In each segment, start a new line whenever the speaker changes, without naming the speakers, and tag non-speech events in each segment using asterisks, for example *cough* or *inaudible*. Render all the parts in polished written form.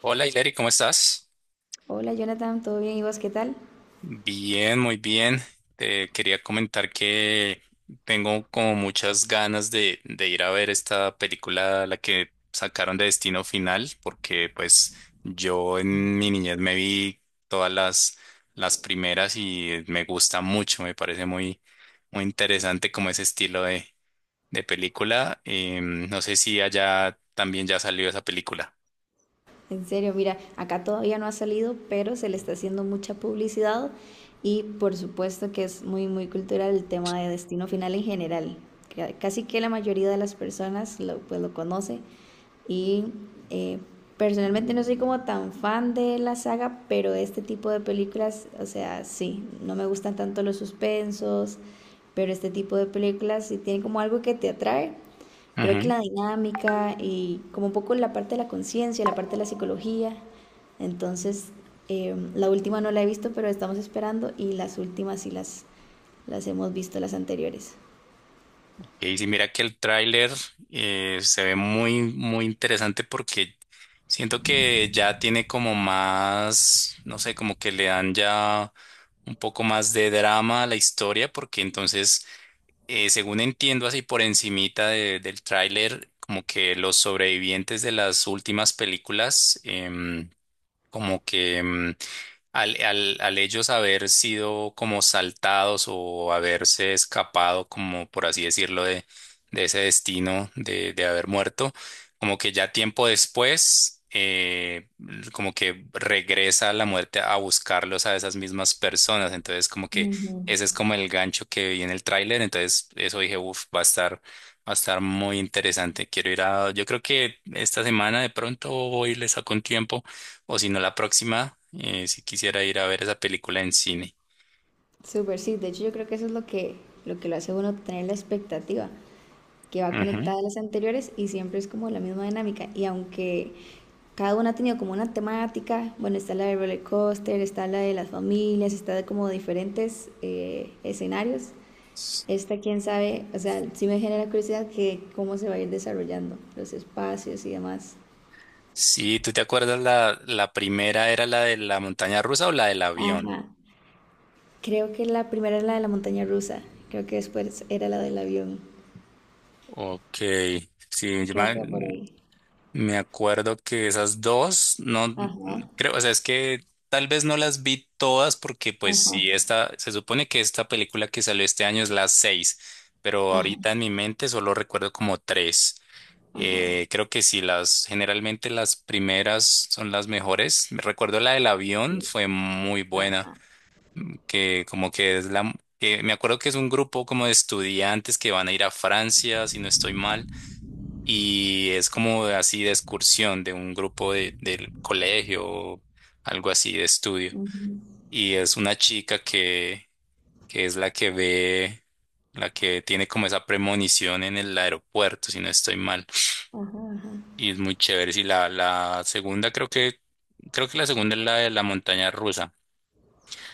Hola, Hilary, ¿cómo estás?
Hola Jonathan, ¿todo bien? ¿Y vos qué tal?
Bien, muy bien. Te quería comentar que tengo como muchas ganas de ir a ver esta película, la que sacaron de Destino Final, porque pues yo en mi niñez me vi todas las primeras y me gusta mucho, me parece muy, muy interesante como ese estilo de película. No sé si allá también ya salió esa película.
En serio, mira, acá todavía no ha salido, pero se le está haciendo mucha publicidad y por supuesto que es muy, muy cultural el tema de Destino Final en general. Casi que la mayoría de las personas pues lo conoce y eh, personalmente no soy como tan fan de la saga, pero este tipo de películas, o sea, sí, no me gustan tanto los suspensos, pero este tipo de películas si tienen como algo que te atrae. Creo que la dinámica y como un poco la parte de la conciencia, la parte de la psicología. Entonces, la última no la he visto, pero estamos esperando, y las últimas sí las hemos visto, las anteriores.
Y sí, mira que el tráiler se ve muy, muy interesante porque siento que ya tiene como más, no sé, como que le dan ya un poco más de drama a la historia, porque entonces, según entiendo así por encimita del tráiler, como que los sobrevivientes de las últimas películas, como que al ellos haber sido como saltados o haberse escapado, como por así decirlo, de ese destino de haber muerto, como que ya tiempo después, como que regresa la muerte a buscarlos a esas mismas personas. Entonces, como que
Ujú.
ese es como el gancho que vi en el tráiler. Entonces, eso dije, uff, va a estar muy interesante. Quiero ir a, yo creo que esta semana de pronto voy y le saco un tiempo o si no, la próxima, si quisiera ir a ver esa película en cine.
Súper, sí. De hecho, yo creo que eso es lo que lo hace uno tener la expectativa, que va
Ujú.
conectada a las anteriores y siempre es como la misma dinámica. Y aunque cada una ha tenido como una temática, bueno, está la de roller coaster, está la de las familias, está de como diferentes escenarios. Esta, quién sabe, o sea, sí me genera curiosidad que cómo se va a ir desarrollando los espacios y demás.
Sí, ¿tú te acuerdas la primera era la de la montaña rusa o la del avión?
Ajá. Creo que la primera era la de la montaña rusa. Creo que después era la del avión.
Ok, sí, yo
Creo que
me,
va por ahí.
Me acuerdo que esas dos, no
Ajá,
creo, o sea, es que tal vez no las vi todas porque pues
ajá,
sí, se supone que esta película que salió este año es la seis, pero
ajá,
ahorita en mi mente solo recuerdo como tres.
ajá.
Creo que sí, generalmente las primeras son las mejores. Recuerdo la del avión,
Sí,
fue muy buena,
ajá.
que como que es que me acuerdo que es un grupo como de estudiantes que van a ir a Francia, si no estoy mal y es como así de excursión de un grupo del colegio o algo así de estudio.
Ujú.
Y es una chica que es la que ve, la que tiene como esa premonición en el aeropuerto, si no estoy mal. Y es muy chévere. Y la segunda creo que la segunda es la de la montaña rusa.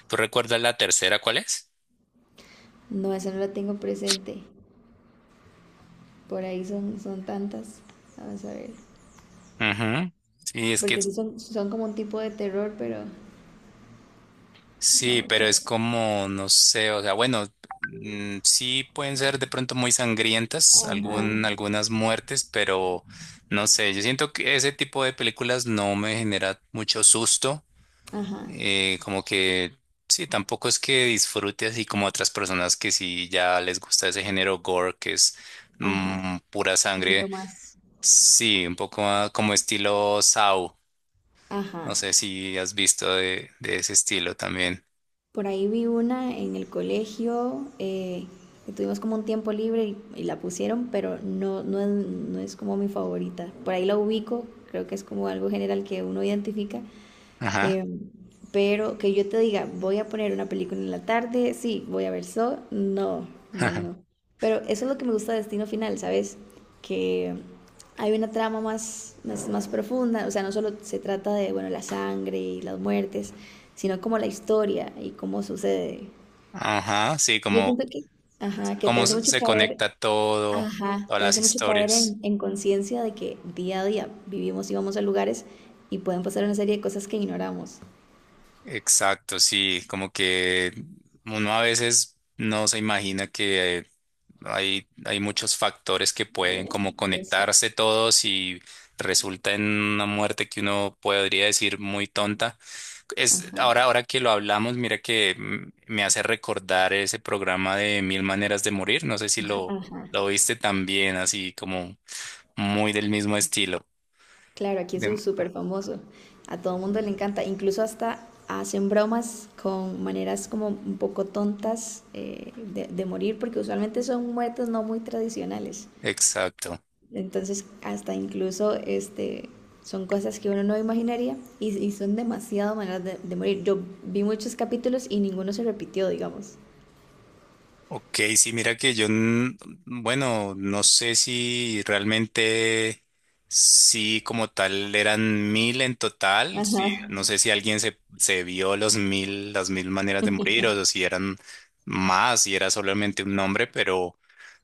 ¿Tú recuerdas la tercera cuál es?
No, eso no lo tengo presente. Por ahí son tantas. Vamos a ver.
Ujú. Sí, es que
Porque sí son como un tipo de terror, pero
Sí,
vamos a
pero es
ver.
como, no sé, o sea, bueno, sí pueden ser de pronto muy sangrientas,
Ajá,
algunas muertes, pero no sé, yo siento que ese tipo de películas no me genera mucho susto,
ajá,
como que sí, tampoco es que disfrute así como otras personas que sí ya les gusta ese género gore, que es
ajá.
pura
Un poquito
sangre,
más.
sí, un poco como estilo Saw, no
Ajá.
sé si has visto de ese estilo también.
Por ahí vi una en el colegio, que tuvimos como un tiempo libre y, la pusieron, pero no es como mi favorita. Por ahí la ubico, creo que es como algo general que uno identifica.
Ajá.
Em, pero que yo te diga, voy a poner una película en la tarde, sí, voy a ver Saw, no, no, no.
*laughs*
Pero eso es lo que me gusta de Destino Final, ¿sabes? Que hay una trama más profunda, o sea, no solo se trata de, bueno, la sangre y las muertes, sino como la historia y cómo sucede.
Ajá, sí,
Yo
como
siento que, ajá, que te
cómo
hace
se
mucho
se
caer,
conecta
ajá,
todas
te
las
hace mucho caer
historias.
en conciencia de que día a día vivimos y vamos a lugares y pueden pasar una serie de cosas que ignoramos.
Exacto, sí, como que uno a veces no se imagina que hay muchos factores que pueden como conectarse todos y resulta en una muerte que uno podría decir muy tonta. Ahora que lo hablamos, mira que me hace recordar ese programa de Mil Maneras de Morir. No sé si lo,
Ajá,
lo viste también, así como muy del mismo estilo.
claro, aquí eso
De-
es súper famoso. A todo mundo le encanta. Incluso hasta hacen bromas con maneras como un poco tontas de morir, porque usualmente son muertes no muy tradicionales.
exacto.
Entonces, hasta incluso este, son cosas que uno no imaginaría y, son demasiado maneras de morir. Yo vi muchos capítulos y ninguno se repitió, digamos.
Ok, sí, mira que bueno, no sé si realmente, sí, como tal, eran 1000 en total, sí,
Ajá.
no sé si alguien se vio las mil maneras de morir o si eran más, si era solamente un nombre, pero,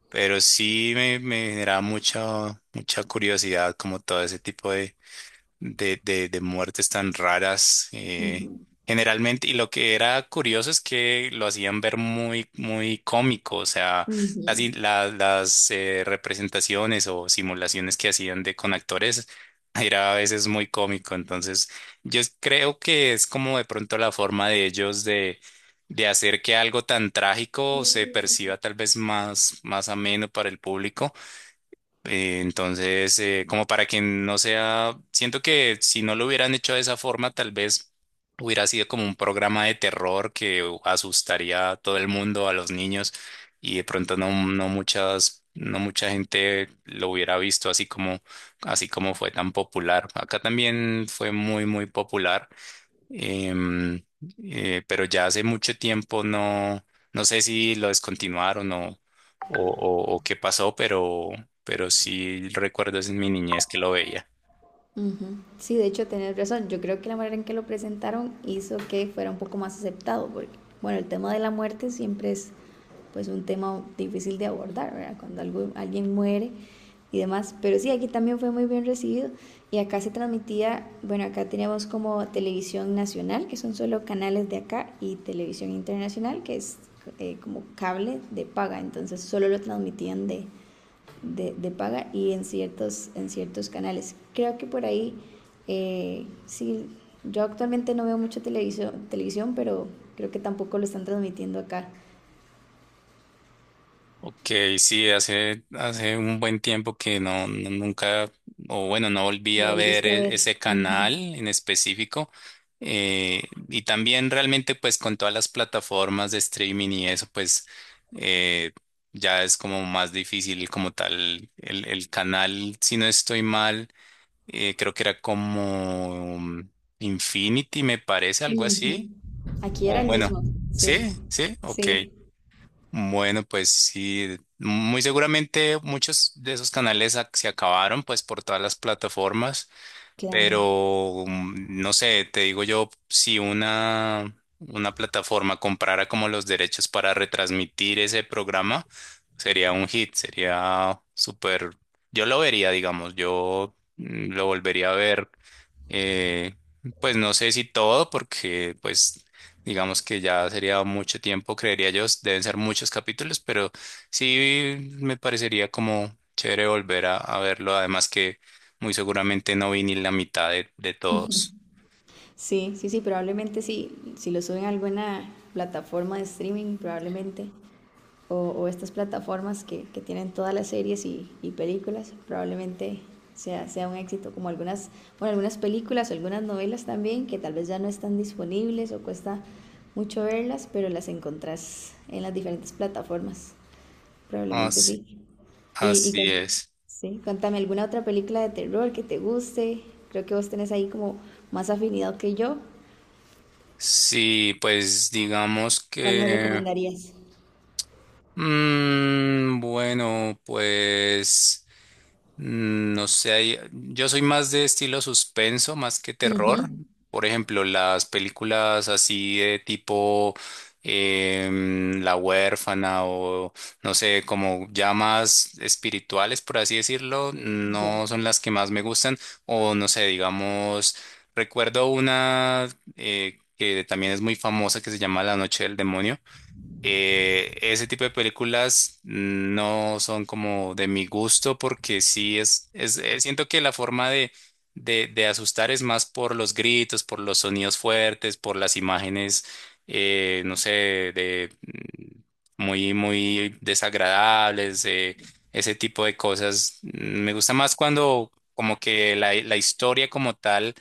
pero sí me generaba mucha, mucha curiosidad como todo ese tipo de muertes tan raras. Generalmente, y lo que era curioso es que lo hacían ver muy, muy cómico, o sea, las representaciones o simulaciones que hacían de con actores *laughs* era a veces muy cómico. Entonces, yo creo que es como de pronto la forma de ellos de hacer que algo tan trágico se
Ujú.
perciba tal vez más, más ameno para el público. Entonces, como para que no sea, siento que si no lo hubieran hecho de esa forma, tal vez hubiera sido como un programa de terror que asustaría a todo el mundo, a los niños, y de pronto no mucha gente lo hubiera visto así como fue tan popular. Acá también fue muy, muy popular. Em, pero ya hace mucho tiempo no sé si lo descontinuaron o qué pasó, pero sí recuerdo es en mi niñez que lo veía.
Ujú. Sí, de hecho, tenés razón. Yo creo que la manera en que lo presentaron hizo que fuera un poco más aceptado, porque, bueno, el tema de la muerte siempre es pues un tema difícil de abordar, ¿verdad? Cuando alguien muere y demás. Pero sí, aquí también fue muy bien recibido, y acá se transmitía. Bueno, acá teníamos como televisión nacional, que son solo canales de acá, y televisión internacional, que es como cable de paga. Entonces solo lo transmitían de paga y en en ciertos canales. Creo que por ahí, sí, yo actualmente no veo mucho televisión, televisión, pero creo que tampoco lo están transmitiendo acá.
Ok, sí, hace un buen tiempo que nunca, o bueno, no volví
Lo
a ver
volviste a ver.
ese
Ujú,
canal en específico. Eh, y también realmente pues con todas las plataformas de streaming y eso, pues eh, ya es como más difícil como tal el canal, si no estoy mal, creo que era como Infinity, me parece, algo
ujú.
así.
Aquí era
O
el
bueno,
mismo, sí,
sí, sí, ok.
sí,
Bueno, pues sí, muy seguramente muchos de esos canales se acabaron pues por todas las plataformas,
claro.
pero no sé, te digo yo, si una plataforma comprara como los derechos para retransmitir ese programa, sería un hit, sería súper, yo lo vería, digamos, yo lo volvería a ver eh, pues no sé si todo, porque pues digamos que ya sería mucho tiempo, creería yo, deben ser muchos capítulos, pero sí me parecería como chévere volver a verlo, además que muy seguramente no vi ni la mitad de todos.
Sí, sí, sí, probablemente sí. Si lo suben a alguna plataforma de streaming, probablemente, o estas plataformas que tienen todas las series y películas, probablemente sea un éxito, como algunas, bueno, algunas películas, algunas novelas también, que tal vez ya no están disponibles o cuesta mucho verlas, pero las encontrás en las diferentes plataformas, probablemente
Así,
sí. Y, y
así
con-
es.
sí, cuéntame alguna otra película de terror que te guste. Creo que vos tenés ahí como más afinidad que yo.
Sí, pues digamos
¿Cuál me
que
recomendarías?
bueno, pues no sé, yo soy más de estilo suspenso, más que
Ujú,
terror. Por ejemplo, las películas así de tipo La huérfana o no sé, como ya más espirituales, por así decirlo, no son las que más me gustan. O no sé, digamos, recuerdo una que también es muy famosa que se llama La noche del demonio, ese tipo de películas no son como de mi gusto porque sí siento que la forma de asustar es más por los gritos, por los sonidos fuertes, por las imágenes, no sé, de muy, muy desagradables, ese tipo de cosas. Me gusta más cuando como que la historia como tal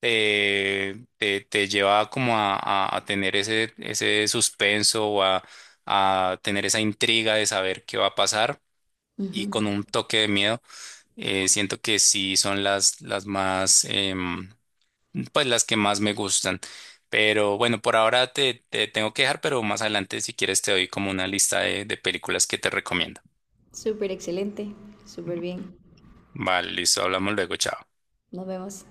te lleva como a tener ese suspenso o a tener esa intriga de saber qué va a pasar y
ujú.
con un toque de miedo. Siento que sí son las más, pues las que más me gustan. Pero bueno, por ahora te tengo que dejar, pero más adelante si quieres te doy como una lista de películas que te recomiendo.
Súper excelente, súper bien.
Vale, listo, hablamos luego, chao.
Nos vemos.